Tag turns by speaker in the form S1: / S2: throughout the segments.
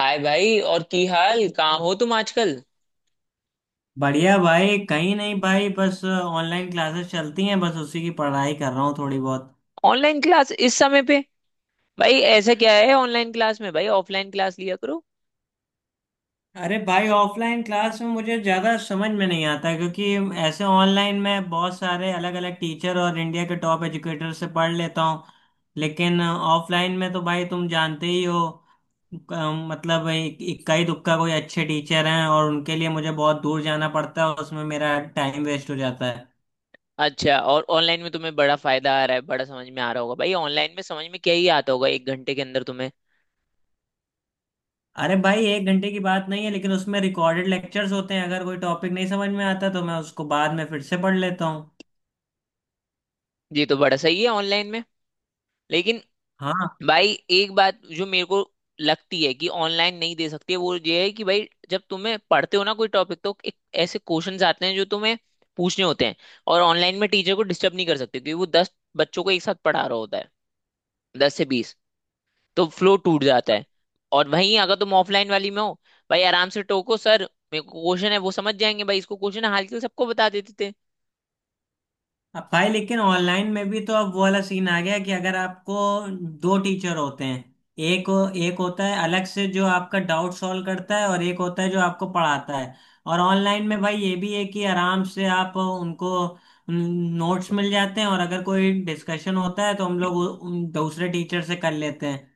S1: हाय भाई, और की हाल? कहाँ हो तुम आजकल?
S2: बढ़िया भाई। कहीं नहीं भाई, बस ऑनलाइन क्लासेस चलती हैं, बस उसी की पढ़ाई कर रहा हूँ थोड़ी बहुत।
S1: ऑनलाइन क्लास इस समय पे? भाई ऐसा क्या है ऑनलाइन क्लास में? भाई ऑफलाइन क्लास लिया करो।
S2: अरे भाई, ऑफलाइन क्लास में मुझे ज़्यादा समझ में नहीं आता क्योंकि ऐसे ऑनलाइन में बहुत सारे अलग अलग टीचर और इंडिया के टॉप एजुकेटर से पढ़ लेता हूँ। लेकिन ऑफलाइन में तो भाई तुम जानते ही हो। मतलब इक्का ही दुक्का कोई अच्छे टीचर हैं, और उनके लिए मुझे बहुत दूर जाना पड़ता है, उसमें मेरा टाइम वेस्ट हो जाता है।
S1: अच्छा, और ऑनलाइन में तुम्हें बड़ा फायदा आ रहा है? बड़ा समझ में आ रहा होगा? भाई ऑनलाइन में समझ में क्या ही आता होगा एक घंटे के अंदर तुम्हें।
S2: अरे भाई, 1 घंटे की बात नहीं है, लेकिन उसमें रिकॉर्डेड लेक्चर्स होते हैं, अगर कोई टॉपिक नहीं समझ में आता तो मैं उसको बाद में फिर से पढ़ लेता हूँ।
S1: ये तो बड़ा सही है ऑनलाइन में। लेकिन
S2: हाँ।
S1: भाई, एक बात जो मेरे को लगती है कि ऑनलाइन नहीं दे सकती है वो ये है कि भाई जब तुम्हें पढ़ते हो ना कोई टॉपिक, तो एक ऐसे क्वेश्चंस आते हैं जो तुम्हें पूछने होते हैं। और ऑनलाइन में टीचर को डिस्टर्ब नहीं कर सकते, क्योंकि वो दस बच्चों को एक साथ पढ़ा रहा होता है, दस से बीस, तो फ्लो टूट जाता है। और वहीं अगर तुम ऑफलाइन वाली में हो, भाई आराम से टोको, सर, मेरे को क्वेश्चन है, वो समझ जाएंगे भाई इसको क्वेश्चन है, हाल के लिए सबको बता देते थे।
S2: अब भाई, लेकिन ऑनलाइन में भी तो अब वो वाला सीन आ गया है कि अगर आपको दो टीचर होते हैं। एक एक होता है अलग से जो आपका डाउट सॉल्व करता है, और एक होता है जो आपको पढ़ाता है। और ऑनलाइन में भाई ये भी है कि आराम से आप उनको नोट्स मिल जाते हैं, और अगर कोई डिस्कशन होता है तो हम लोग उन दूसरे टीचर से कर लेते हैं।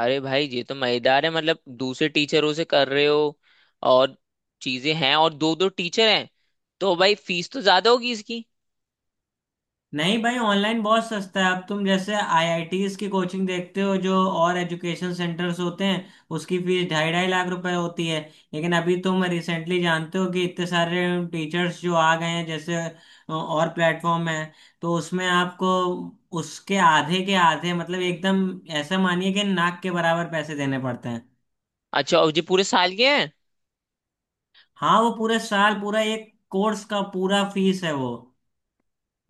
S1: अरे भाई ये तो मजेदार है, मतलब दूसरे टीचरों से कर रहे हो और चीजें हैं, और दो दो टीचर हैं? तो भाई फीस तो ज्यादा होगी इसकी।
S2: नहीं भाई, ऑनलाइन बहुत सस्ता है। अब तुम जैसे आईआईटीज की कोचिंग देखते हो जो और एजुकेशन सेंटर्स होते हैं, उसकी फीस ढाई ढाई लाख रुपए होती है। लेकिन अभी तुम रिसेंटली जानते हो कि इतने सारे टीचर्स जो आ गए हैं, जैसे और प्लेटफॉर्म है, तो उसमें आपको उसके आधे के आधे, मतलब एकदम ऐसा मानिए कि नाक के बराबर पैसे देने पड़ते हैं।
S1: अच्छा, और ये पूरे साल के हैं?
S2: हाँ, वो पूरे साल, पूरा एक कोर्स का पूरा फीस है वो।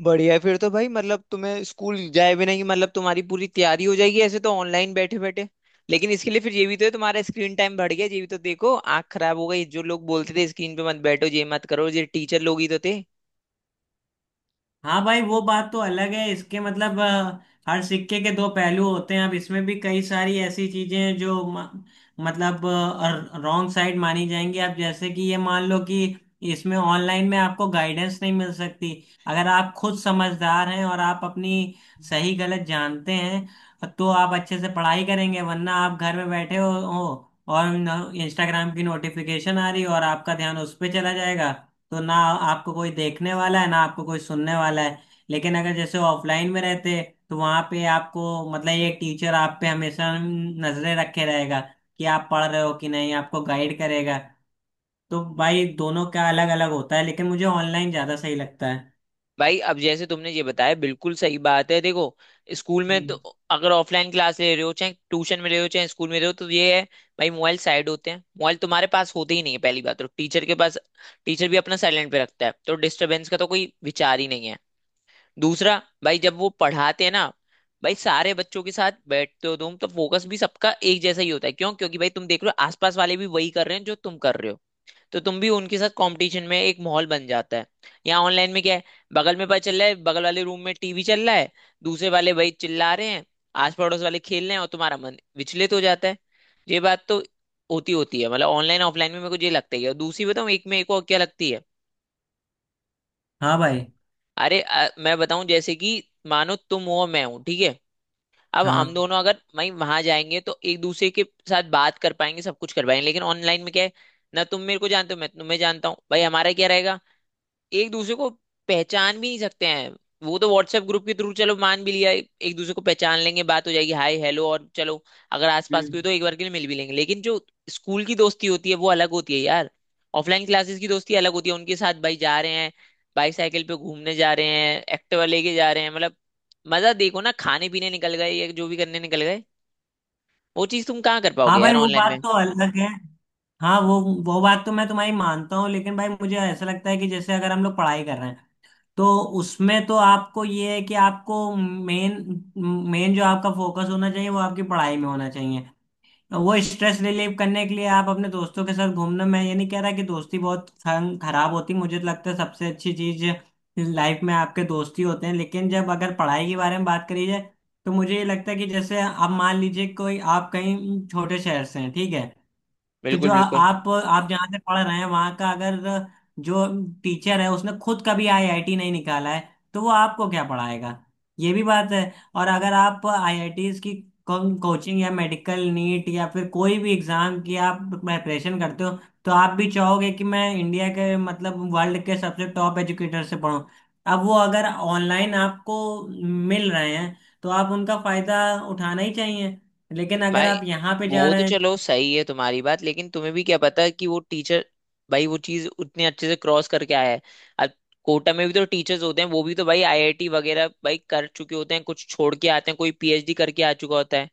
S1: बढ़िया है, फिर तो भाई मतलब तुम्हें स्कूल जाए बिना ही मतलब तुम्हारी पूरी तैयारी हो जाएगी ऐसे, तो ऑनलाइन बैठे बैठे। लेकिन इसके लिए फिर ये भी तो है, तुम्हारा स्क्रीन टाइम बढ़ गया, ये भी तो देखो, आंख खराब हो गई। जो लोग बोलते थे स्क्रीन पे मत बैठो, ये मत करो, ये टीचर लोग ही तो थे।
S2: हाँ भाई, वो बात तो अलग है। इसके मतलब हर सिक्के के दो पहलू होते हैं। अब इसमें भी कई सारी ऐसी चीजें हैं जो मतलब रॉन्ग साइड मानी जाएंगी। अब जैसे कि ये मान लो कि इसमें ऑनलाइन में आपको गाइडेंस नहीं मिल सकती। अगर आप खुद समझदार हैं और आप अपनी सही गलत जानते हैं तो आप अच्छे से पढ़ाई करेंगे, वरना आप घर में बैठे हो और इंस्टाग्राम की नोटिफिकेशन आ रही और आपका ध्यान उस पर चला जाएगा। तो ना आपको कोई देखने वाला है ना आपको कोई सुनने वाला है। लेकिन अगर जैसे ऑफलाइन में रहते तो वहां पे आपको मतलब ये टीचर आप पे हमेशा नजरें रखे रहेगा कि आप पढ़ रहे हो कि नहीं, आपको गाइड करेगा। तो भाई दोनों का अलग अलग होता है, लेकिन मुझे ऑनलाइन ज्यादा सही लगता है।
S1: भाई अब जैसे तुमने ये बताया, बिल्कुल सही बात है। देखो, स्कूल में तो,
S2: हम्म,
S1: अगर ऑफलाइन क्लास ले रहे हो, चाहे ट्यूशन में रहे हो, चाहे स्कूल में रहे हो, तो ये है भाई, मोबाइल साइड होते हैं, मोबाइल तुम्हारे पास होते ही नहीं है पहली बात। तो टीचर के पास टीचर भी अपना साइलेंट पे रखता है, तो डिस्टरबेंस का तो कोई विचार ही नहीं है। दूसरा भाई, जब वो पढ़ाते हैं ना, भाई सारे बच्चों के साथ बैठते हो तुम, तो फोकस भी सबका एक जैसा ही होता है। क्यों? क्योंकि भाई तुम देख रहे हो आसपास वाले भी वही कर रहे हैं जो तुम कर रहे हो, तो तुम भी उनके साथ कंपटीशन में, एक माहौल बन जाता है। यहाँ ऑनलाइन में क्या है, बगल में पता चल रहा है बगल वाले रूम में टीवी चल रहा है, दूसरे वाले भाई चिल्ला रहे हैं, आस पड़ोस वाले खेल रहे हैं, और तुम्हारा मन विचलित हो जाता है। ये बात तो होती होती है, मतलब ऑनलाइन ऑफलाइन में मेरे को ये लगता ही है। और दूसरी बताऊँ, एक में एक और क्या लगती है।
S2: हाँ भाई।
S1: अरे मैं बताऊं जैसे कि, मानो तुम हो और मैं हूं, ठीक है? अब हम
S2: हाँ।
S1: दोनों अगर वहीं वहां जाएंगे, तो एक दूसरे के साथ बात कर पाएंगे, सब कुछ कर पाएंगे। लेकिन ऑनलाइन में क्या है, ना तुम मेरे को जानते हो, मैं तुम्हें जानता हूँ, भाई हमारा क्या रहेगा, एक दूसरे को पहचान भी नहीं सकते हैं। वो तो व्हाट्सएप ग्रुप के थ्रू चलो मान भी लिया एक दूसरे को पहचान लेंगे, बात हो जाएगी, हाय हेलो, और चलो अगर आसपास कोई,
S2: हम्म।
S1: तो एक बार के लिए मिल भी लेंगे। लेकिन जो स्कूल की दोस्ती होती है वो अलग होती है यार। ऑफलाइन क्लासेस की दोस्ती अलग होती है, उनके साथ भाई जा रहे हैं, बाईसाइकिल पे घूमने जा रहे हैं, एक्टिवा लेके जा रहे हैं, मतलब मजा देखो ना, खाने पीने निकल गए या जो भी करने निकल गए। वो चीज तुम कहाँ कर
S2: हाँ
S1: पाओगे
S2: भाई,
S1: यार
S2: वो
S1: ऑनलाइन में?
S2: बात तो अलग है। हाँ वो, बात तो मैं तुम्हारी मानता हूँ, लेकिन भाई मुझे ऐसा लगता है कि जैसे अगर हम लोग पढ़ाई कर रहे हैं तो उसमें तो आपको ये है कि आपको मेन मेन जो आपका फोकस होना चाहिए वो आपकी पढ़ाई में होना चाहिए। वो स्ट्रेस रिलीव करने के लिए आप अपने दोस्तों के साथ घूमना, मैं ये नहीं कह रहा कि दोस्ती बहुत खराब होती, मुझे तो लगता है सबसे अच्छी चीज लाइफ में आपके दोस्त ही होते हैं। लेकिन जब अगर पढ़ाई के बारे में बात करी जाए तो मुझे ये लगता है कि जैसे आप मान लीजिए कोई आप कहीं छोटे शहर से हैं, ठीक है, तो
S1: बिल्कुल,
S2: जो
S1: बिल्कुल
S2: आप जहाँ से पढ़ रहे हैं वहाँ का अगर जो टीचर है उसने खुद कभी आईआईटी नहीं निकाला है तो वो आपको क्या पढ़ाएगा? ये भी बात है। और अगर आप आईआईटीज की कोचिंग या मेडिकल नीट या फिर कोई भी एग्जाम की आप प्रिपरेशन करते हो तो आप भी चाहोगे कि मैं इंडिया के मतलब वर्ल्ड के सबसे टॉप एजुकेटर से पढूं। अब वो अगर ऑनलाइन आपको मिल रहे हैं तो आप उनका फायदा उठाना ही चाहिए। लेकिन अगर
S1: भाई।
S2: आप यहाँ पे जा
S1: वो तो
S2: रहे हैं।
S1: चलो सही है तुम्हारी बात, लेकिन तुम्हें भी क्या पता कि वो टीचर भाई वो चीज उतने अच्छे से क्रॉस करके आया है? अब कोटा में भी तो टीचर्स होते हैं, वो भी तो भाई आईआईटी वगैरह भाई कर चुके होते हैं, कुछ छोड़ के आते हैं, कोई पीएचडी करके आ चुका होता है,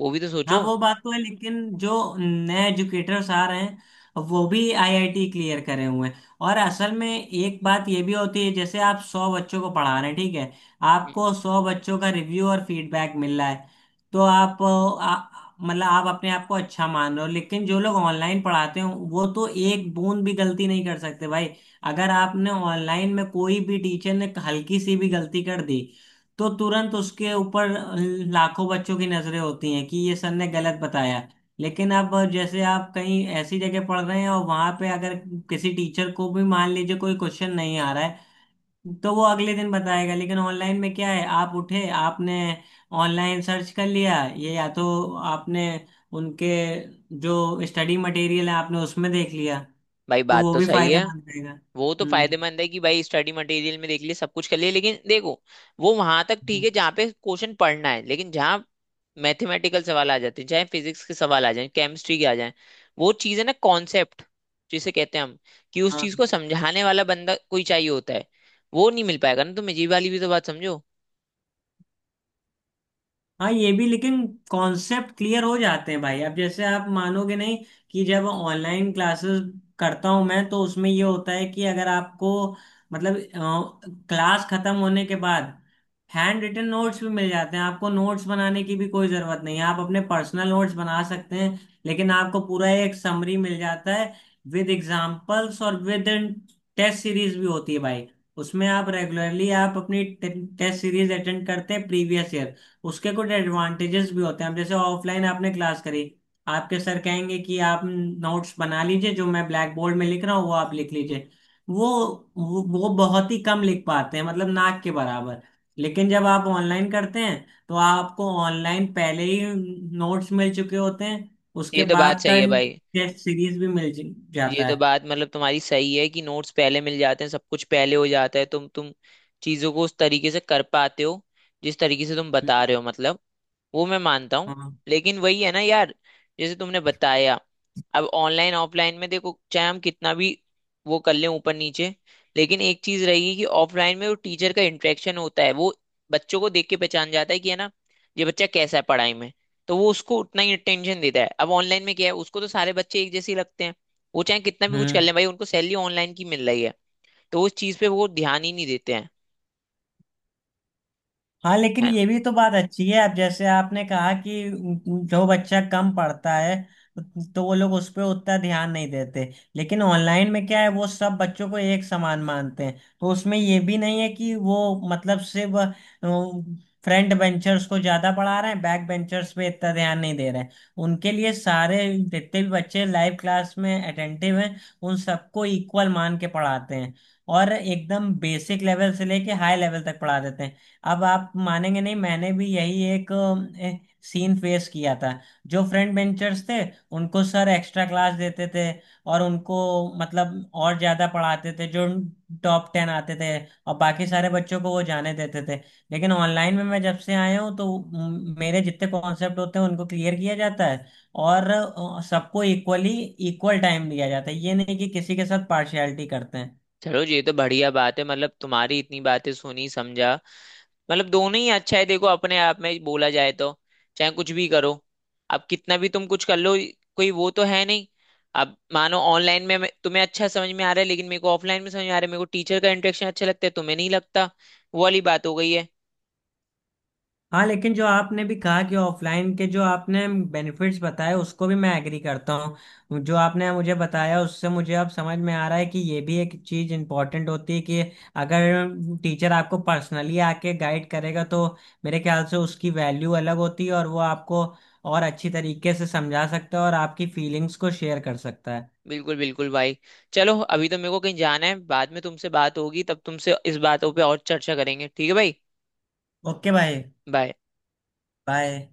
S1: वो भी तो
S2: हाँ,
S1: सोचो।
S2: वो बात तो है, लेकिन जो नए एजुकेटर्स आ रहे हैं वो भी आईआईटी क्लियर करे हुए हैं, और असल में एक बात ये भी होती है, जैसे आप 100 बच्चों को पढ़ा रहे हैं ठीक है,
S1: हम्म।
S2: आपको 100 बच्चों का रिव्यू और फीडबैक मिल रहा है तो आप मतलब आप अपने आप को अच्छा मान रहे हो, लेकिन जो लोग ऑनलाइन पढ़ाते हो वो तो एक बूंद भी गलती नहीं कर सकते भाई। अगर आपने ऑनलाइन में कोई भी टीचर ने हल्की सी भी गलती कर दी तो तुरंत उसके ऊपर लाखों बच्चों की नजरें होती हैं कि ये सर ने गलत बताया। लेकिन अब जैसे आप कहीं ऐसी जगह पढ़ रहे हैं और वहां पे अगर किसी टीचर को भी मान लीजिए कोई क्वेश्चन नहीं आ रहा है तो वो अगले दिन बताएगा, लेकिन ऑनलाइन में क्या है, आप उठे, आपने ऑनलाइन सर्च कर लिया, ये या तो आपने उनके जो स्टडी मटेरियल है आपने उसमें देख लिया,
S1: भाई
S2: तो
S1: बात
S2: वो
S1: तो
S2: भी
S1: सही है।
S2: फायदेमंद रहेगा।
S1: वो तो
S2: हम्म।
S1: फायदेमंद है कि भाई स्टडी मटेरियल में देख लिए सब कुछ कर लिए, लेकिन देखो, वो वहां तक ठीक
S2: हम्म,
S1: है जहाँ पे क्वेश्चन पढ़ना है। लेकिन जहाँ मैथमेटिकल सवाल आ जाते हैं, चाहे फिजिक्स के सवाल आ जाए, केमिस्ट्री के आ जाए, वो चीज़ है ना कॉन्सेप्ट जिसे कहते हैं हम, कि उस
S2: हाँ।
S1: चीज को समझाने वाला बंदा कोई चाहिए होता है, वो नहीं मिल पाएगा ना। तुम ये वाली भी तो बात समझो।
S2: हाँ, ये भी, लेकिन कॉन्सेप्ट क्लियर हो जाते हैं भाई। अब जैसे आप मानोगे नहीं कि जब ऑनलाइन क्लासेस करता हूँ मैं, तो उसमें ये होता है कि अगर आपको मतलब क्लास खत्म होने के बाद हैंड रिटन नोट्स भी मिल जाते हैं, आपको नोट्स बनाने की भी कोई ज़रूरत नहीं है, आप अपने पर्सनल नोट्स बना सकते हैं। लेकिन आपको पूरा एक समरी मिल जाता है विद एग्जाम्पल्स, और विद टेस्ट सीरीज भी होती है भाई। उसमें आप रेगुलरली आप अपनी टेस्ट सीरीज अटेंड करते हैं प्रीवियस ईयर, उसके कुछ एडवांटेजेस भी होते हैं। अब जैसे ऑफलाइन आपने क्लास करी, आपके सर कहेंगे कि आप नोट्स बना लीजिए जो मैं ब्लैक बोर्ड में लिख रहा हूँ वो आप लिख लीजिए, वो वो बहुत ही कम लिख पाते हैं मतलब नाक के बराबर। लेकिन जब आप ऑनलाइन करते हैं तो आपको ऑनलाइन पहले ही नोट्स मिल चुके होते हैं, उसके
S1: ये तो बात
S2: बाद
S1: सही
S2: का
S1: है भाई।
S2: टेस्ट सीरीज भी मिल
S1: ये
S2: जाता
S1: तो
S2: है।
S1: बात मतलब तुम्हारी सही है कि नोट्स पहले मिल जाते हैं, सब कुछ पहले हो जाता है, तुम चीजों को उस तरीके से कर पाते हो जिस तरीके से तुम बता रहे हो, मतलब वो मैं मानता हूँ।
S2: हाँ।
S1: लेकिन वही है ना यार, जैसे तुमने बताया, अब ऑनलाइन ऑफलाइन में देखो, चाहे हम कितना भी वो कर लें ऊपर नीचे, लेकिन एक चीज रहेगी कि ऑफलाइन में वो टीचर का इंटरेक्शन होता है, वो बच्चों को देख के पहचान जाता है कि है ना, ये बच्चा कैसा है पढ़ाई में, तो वो उसको उतना ही अटेंशन देता है। अब ऑनलाइन में क्या है, उसको तो सारे बच्चे एक जैसे ही लगते हैं, वो चाहे कितना भी कुछ कर
S2: हम्म।
S1: लें, भाई उनको सैलरी ऑनलाइन की मिल रही है, तो उस चीज पे वो ध्यान ही नहीं देते हैं।
S2: हाँ लेकिन
S1: है।
S2: ये भी तो बात अच्छी है। अब जैसे आपने कहा कि जो बच्चा कम पढ़ता है तो वो लोग उस पर उतना ध्यान नहीं देते, लेकिन ऑनलाइन में क्या है, वो सब बच्चों को एक समान मानते हैं, तो उसमें ये भी नहीं है कि वो मतलब सिर्फ फ्रंट बेंचर्स को ज्यादा पढ़ा रहे हैं बैक बेंचर्स पे इतना ध्यान नहीं दे रहे हैं। उनके लिए सारे जितने भी बच्चे लाइव क्लास में अटेंटिव हैं उन सबको इक्वल मान के पढ़ाते हैं, और एकदम बेसिक लेवल से लेके हाई लेवल तक पढ़ा देते हैं। अब आप मानेंगे नहीं, मैंने भी यही एक सीन फेस किया था, जो फ्रंट बेंचर्स थे उनको सर एक्स्ट्रा क्लास देते थे, और उनको मतलब और ज्यादा पढ़ाते थे जो टॉप 10 आते थे, और बाकी सारे बच्चों को वो जाने देते थे। लेकिन ऑनलाइन में मैं जब से आया हूँ तो मेरे जितने कॉन्सेप्ट होते हैं उनको क्लियर किया जाता है, और सबको इक्वल टाइम दिया जाता है, ये नहीं कि किसी के साथ पार्शियलिटी करते हैं।
S1: चलो, ये तो बढ़िया बात है, मतलब तुम्हारी इतनी बातें सुनी, समझा, मतलब दोनों ही अच्छा है। देखो, अपने आप में बोला जाए तो चाहे कुछ भी करो, अब कितना भी तुम कुछ कर लो, कोई वो तो है नहीं। अब मानो ऑनलाइन में तुम्हें अच्छा समझ में आ रहा है, लेकिन मेरे को ऑफलाइन में समझ में आ रहा है, मेरे को टीचर का इंटरेक्शन अच्छा लगता है, तो तुम्हें नहीं लगता, वो वाली बात हो गई है।
S2: हाँ, लेकिन जो आपने भी कहा कि ऑफलाइन के जो आपने बेनिफिट्स बताए उसको भी मैं एग्री करता हूँ, जो आपने मुझे बताया उससे मुझे अब समझ में आ रहा है कि ये भी एक चीज़ इम्पोर्टेंट होती है कि अगर टीचर आपको पर्सनली आके गाइड करेगा तो मेरे ख्याल से उसकी वैल्यू अलग होती है, और वो आपको और अच्छी तरीके से समझा सकता है और आपकी फीलिंग्स को शेयर कर सकता है।
S1: बिल्कुल, बिल्कुल भाई। चलो, अभी तो मेरे को कहीं जाना है, बाद में तुमसे बात होगी, तब तुमसे इस बातों पे और चर्चा करेंगे, ठीक है भाई?
S2: ओके भाई।
S1: बाय।
S2: बाय।